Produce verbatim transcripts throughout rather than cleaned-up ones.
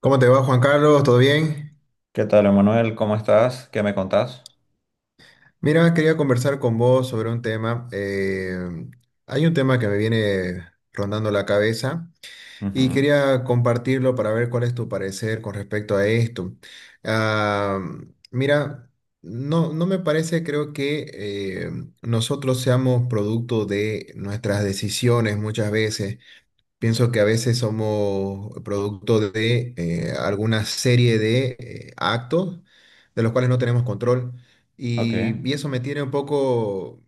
¿Cómo te va, Juan Carlos? ¿Todo bien? ¿Qué tal, Emanuel? ¿Cómo estás? ¿Qué me contás? Mira, quería conversar con vos sobre un tema. Eh, hay un tema que me viene rondando la cabeza y Ujú. quería compartirlo para ver cuál es tu parecer con respecto a esto. Ah, Mira, no, no me parece, creo que eh, nosotros seamos producto de nuestras decisiones muchas veces. Pienso que a veces somos producto de eh, alguna serie de eh, actos de los cuales no tenemos control Ok. y, y eso me tiene un poco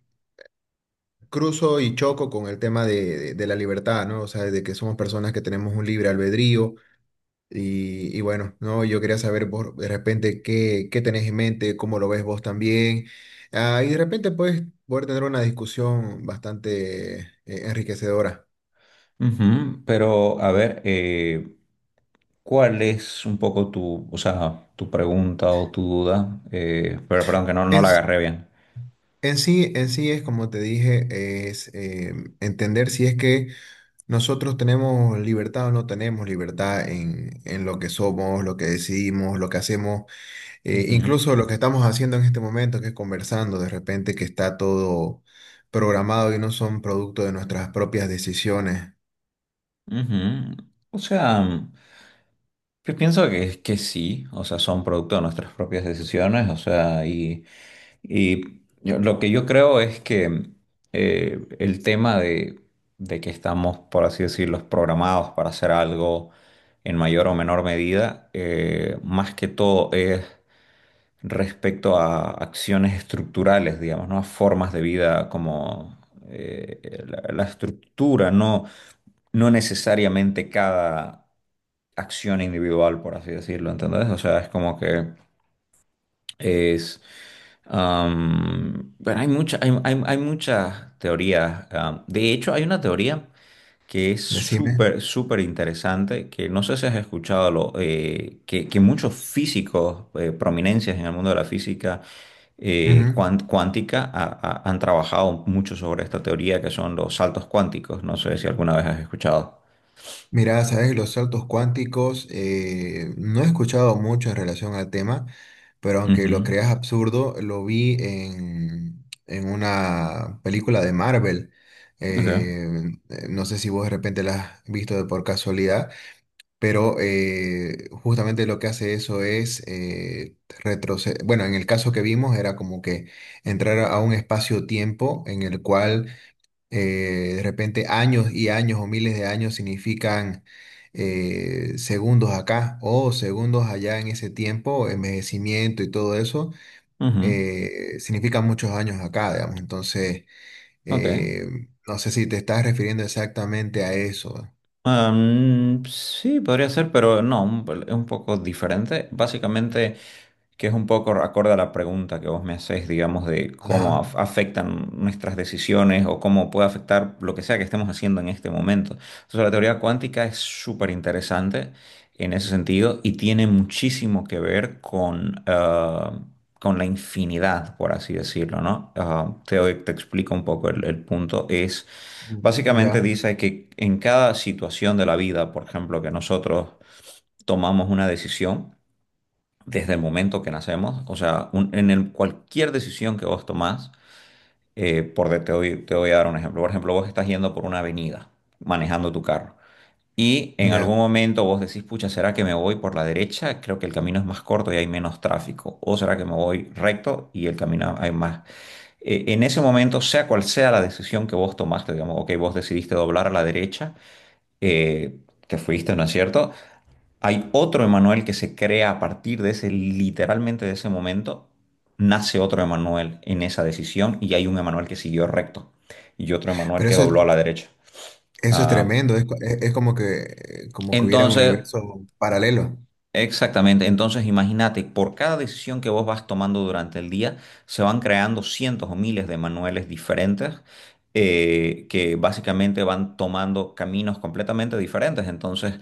cruzo y choco con el tema de, de- de la libertad, ¿no? O sea, de que somos personas que tenemos un libre albedrío y, y bueno, ¿no? Yo quería saber vos de repente qué, qué tenés en mente, cómo lo ves vos también. Ah, y de repente puedes poder tener una discusión bastante eh, enriquecedora. Ujú. Pero, a ver, eh, ¿cuál es un poco tu, o sea, tu pregunta o tu duda? Eh, pero perdón, que no, no la agarré bien. En sí, en sí es como te dije, es eh, entender si es que nosotros tenemos libertad o no tenemos libertad en, en lo que somos, lo que decidimos, lo que hacemos, eh, Ujú, incluso lo que estamos haciendo en este momento, que es conversando de repente, que está todo programado y no son producto de nuestras propias decisiones. ujú. O sea, yo pienso que, que sí, o sea, son producto de nuestras propias decisiones, o sea, y... Y yo- lo que yo creo es que eh, el tema de, de que estamos, por así decirlo, programados para hacer algo en mayor o menor medida, eh, más que todo es respecto a acciones estructurales, digamos, ¿no? A formas de vida como eh, la, la estructura, no, no necesariamente cada acción individual, por así decirlo, ¿entendés? O sea, es como que es. Am, bueno, hay mucha, hay, hay, hay muchas teorías. Am. De hecho, hay una teoría que es Decime. súper, súper interesante, que no sé si has escuchado, lo, eh, que, que muchos físicos, eh, prominencias en el mundo de la física, eh, cuán- cuántica ha- ha- han trabajado mucho sobre esta teoría, que son los saltos cuánticos. No sé si alguna vez has escuchado. Mira, sabes, los saltos cuánticos, eh, no he escuchado mucho en relación al tema, pero aunque lo Ujú. creas absurdo, lo vi en, en una película de Marvel. Ok. Eh, eh, no sé si vos de repente la has visto de por casualidad, pero eh, justamente lo que hace eso es eh, retroceder. Bueno, en el caso que vimos era como que entrar a un espacio-tiempo en el cual eh, de repente años y años o miles de años significan eh, segundos acá o segundos allá en ese tiempo, envejecimiento y todo eso, Ujú. eh, significan muchos años acá, digamos. Entonces, Ok. eh, no sé si te estás refiriendo exactamente a eso. Am, sí, podría ser, pero no, un- es un poco diferente. Básicamente, que es un poco acorde a la pregunta que vos me hacés, digamos, de cómo Ajá, af- afectan nuestras decisiones o cómo puede afectar lo que sea que estemos haciendo en este momento. Entonces, la teoría cuántica es súper interesante en ese sentido y tiene muchísimo que ver con, ah, con la infinidad, por así decirlo, ¿no? Ah, te, te explico un poco el el punto. Es... Básicamente ya, dice que en cada situación de la vida, por ejemplo, que nosotros tomamos una decisión desde el momento que nacemos, o sea, un- en el- cualquier decisión que vos tomás, eh, por de- te doy, te voy a dar un ejemplo. Por ejemplo, vos estás yendo por una avenida manejando tu carro y en ya. algún momento vos decís, pucha, ¿será que me voy por la derecha? Creo que el camino es más corto y hay menos tráfico. ¿O será que me voy recto y el camino hay más? Eh, en ese momento, sea cual sea la decisión que vos tomaste, digamos, ok, vos decidiste doblar a la derecha, eh, que fuiste, ¿no es cierto? Hay otro Emanuel que se crea a partir de ese, literalmente de ese momento, nace otro Emanuel en esa decisión y hay un Emanuel que siguió recto y otro Emanuel Pero que eso es, dobló a la derecha. eso es Ah, tremendo, es, co- es- es como que, como que hubiera un entonces... universo paralelo. Exactamente, entonces imagínate, por cada decisión que vos vas tomando durante el día, se van creando cientos o miles de manuales diferentes, eh, que básicamente van tomando caminos completamente diferentes. Entonces,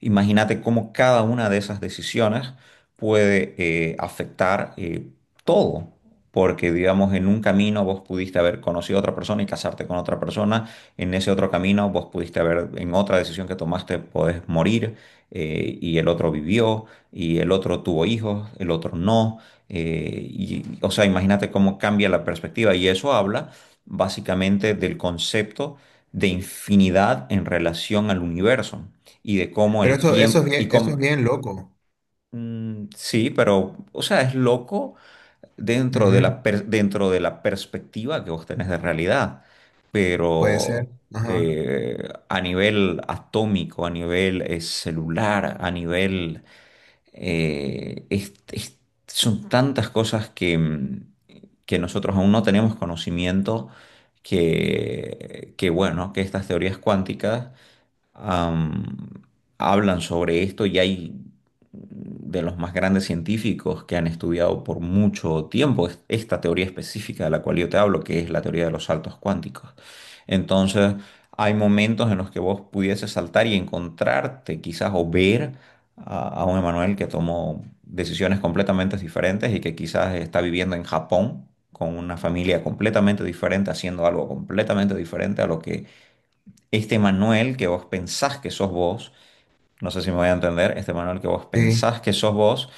imagínate cómo cada una de esas decisiones puede eh, afectar, eh, todo, porque digamos, en un camino vos pudiste haber conocido a otra persona y casarte con otra persona, en ese otro camino vos pudiste haber, en otra decisión que tomaste, podés morir, eh, y el otro vivió, y el otro tuvo hijos, el otro no. eh, y, o sea, imagínate cómo cambia la perspectiva. Y eso habla básicamente del concepto de infinidad en relación al universo y de cómo Pero el eso, eso es tiempo y bien, eso es cómo... bien loco. Mm, sí, pero o sea, es loco dentro de Ujú. la per- dentro de la perspectiva que vos tenés de realidad, Puede ser. pero Ajá. eh, a nivel atómico, a nivel eh, celular, a nivel eh, es- es- son tantas cosas que, mm, que nosotros aún no tenemos conocimiento, que, que, bueno, que estas teorías cuánticas, am, hablan sobre esto y hay de los más grandes científicos que han estudiado por mucho tiempo es- esta teoría específica de la cual yo te hablo, que es la teoría de los saltos cuánticos. Entonces, hay momentos en los que vos pudieses saltar y encontrarte quizás o ver a, a un Emanuel que tomó decisiones completamente diferentes y que quizás está viviendo en Japón con una familia completamente diferente, haciendo algo completamente diferente a lo que este Manuel que vos pensás que sos vos, no sé si me voy a entender, este Manuel que vos Sí. pensás que sos vos,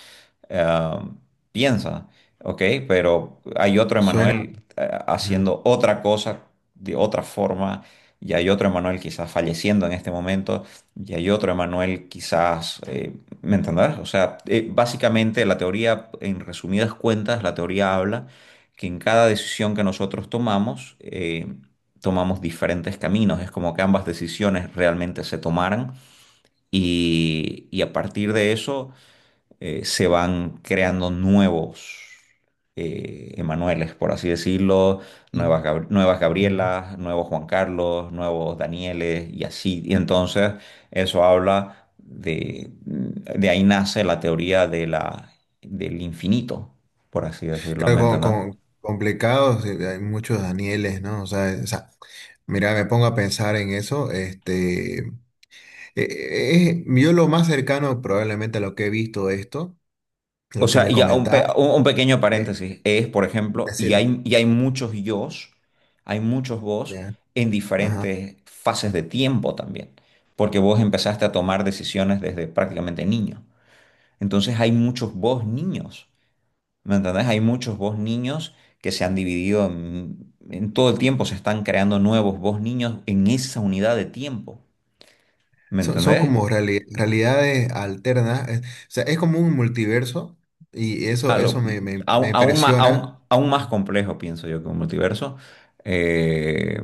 eh, piensa, ¿ok? Pero hay otro Suena. Emanuel eh, Ujú. haciendo otra cosa de otra forma, y hay otro Emanuel quizás falleciendo en este momento, y hay otro Emanuel quizás, eh, ¿Me entendés? O sea, eh, básicamente la teoría, en resumidas cuentas, la teoría habla que en cada decisión que nosotros tomamos, eh, tomamos diferentes caminos, es como que ambas decisiones realmente se tomaran y, y a partir de eso eh, se van creando nuevos eh, Emanueles, por así decirlo, Y- nuevas, Gab- nuevas ujú. Gabrielas, nuevos Juan Carlos, nuevos Danieles y así. Y entonces eso habla de, de ahí nace la teoría de la, del infinito, por así decirlo, Claro, ¿me con, entiendes? con- complicados, eh, hay muchos Danieles, ¿no? O sea, o sea, mira, me pongo a pensar en eso. Este, eh, eh, yo lo más cercano probablemente a lo que he visto esto, de O lo que sea, me ya un, pe- comentás, un- un pequeño eh, paréntesis es, por ejemplo, y decirle, hay, y hay muchos yos, hay muchos vos ya, en ajá. diferentes fases de tiempo también, porque vos empezaste a tomar decisiones desde prácticamente niño. Entonces hay muchos vos niños, ¿me entendés? Hay muchos vos niños que se han dividido en, en todo el tiempo, se están creando nuevos vos niños en esa unidad de tiempo, ¿me Son, son entendés? como reali- realidades alternas. Eh, o sea, es como un multiverso y eso, A lo- eso me, me- aún, me aún ma- aún- impresiona. aún más complejo, pienso yo, que un multiverso. Eh,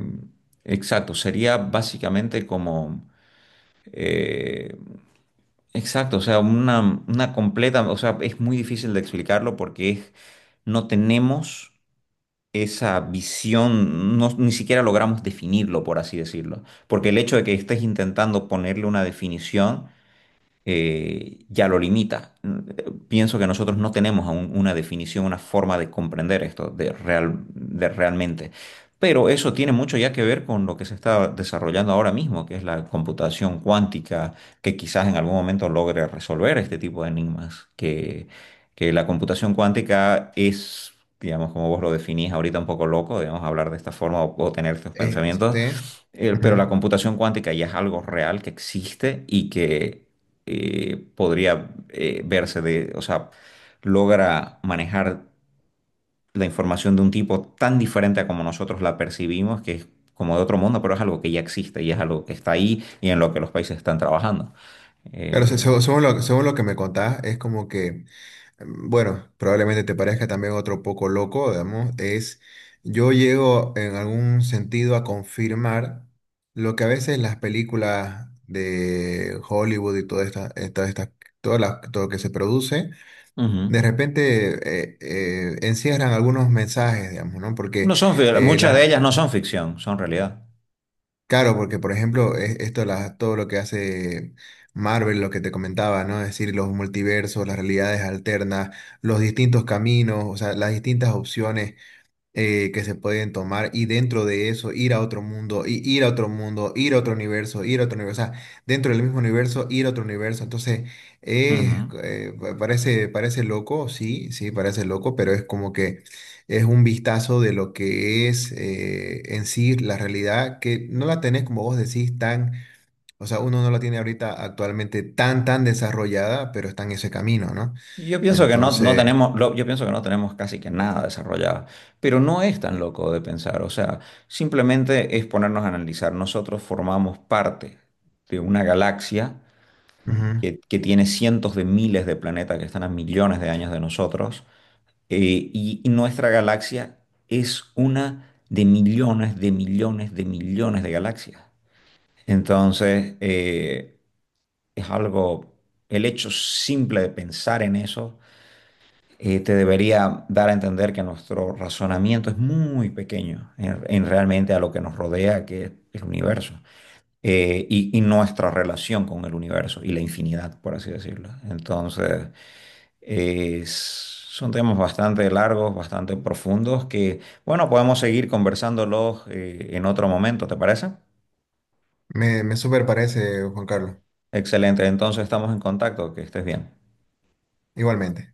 exacto, sería básicamente como... eh, exacto, o sea, una, una completa... O sea, es muy difícil de explicarlo porque es, no tenemos esa visión, no- ni siquiera logramos definirlo, por así decirlo. Porque el hecho de que estés intentando ponerle una definición eh, ya lo limita. Pienso que nosotros no tenemos aún una definición, una forma de comprender esto de real, de realmente. Pero eso tiene mucho ya que ver con lo que se está desarrollando ahora mismo, que es la computación cuántica, que quizás en algún momento logre resolver este tipo de enigmas, que, que la computación cuántica es, digamos, como vos lo definís ahorita, un poco loco, digamos, hablar de esta forma o o tener estos pensamientos, Este, eh, pero la computación cuántica ya es algo real que existe y que eh, podría, eh, verse de, o sea, logra manejar la información de un tipo tan diferente a como nosotros la percibimos, que es como de otro mundo, pero es algo que ya existe y es algo que está ahí y en lo que los países están trabajando. claro, se- Eh, según, según lo, según lo que me contás, es como que, mm, bueno, probablemente te parezca también otro poco loco, digamos, es yo llego en algún sentido a confirmar lo que a veces las películas de Hollywood y todas estas, estas, estas- todas las- todo lo que se produce, ujú. de repente eh, eh, encierran algunos mensajes, digamos, ¿no? Porque No son, fi- eh, Muchas la- de ellas no son ficción, son realidad. Claro, porque por ejemplo, es- esto la- todo lo que hace Marvel, lo que te comentaba, ¿no? Es decir, los multiversos, las realidades alternas, los distintos caminos, o sea, las distintas opciones eh, que se pueden tomar y dentro de eso ir a otro mundo, y ir a otro mundo, ir a otro universo, ir a otro universo, o sea, dentro del mismo universo, ir a otro universo. Entonces, eh, Ujú. eh, pa- parece, parece loco, sí, sí, parece loco, pero es como que es un vistazo de lo que es eh, en sí la realidad, que no la tenés, como vos decís, tan, o sea, uno no la tiene ahorita actualmente tan, tan desarrollada, pero está en ese camino, ¿no? Y Yo pienso que no, no Entonces, tenemos, lo- yo pienso que no tenemos casi que nada desarrollado, pero no es tan loco de pensar, o sea, simplemente es ponernos a analizar. Nosotros formamos parte de una galaxia ujú. que, que tiene cientos de miles de planetas que están a millones de años de nosotros, eh, y, y nuestra galaxia es una de millones, de millones, de millones de galaxias. Entonces, eh, es algo, el hecho simple de pensar en eso eh, te debería dar a entender que nuestro razonamiento es muy pequeño en, en realmente a lo que nos rodea, que es el universo, eh, y, y nuestra relación con el universo y la infinidad, por así decirlo. Entonces, eh, es- son temas bastante largos, bastante profundos, que, bueno, podemos seguir conversándolos eh, en otro momento, ¿te parece? Me, me súper parece, Juan Carlos. Excelente, entonces estamos en contacto, que estés bien. Igualmente.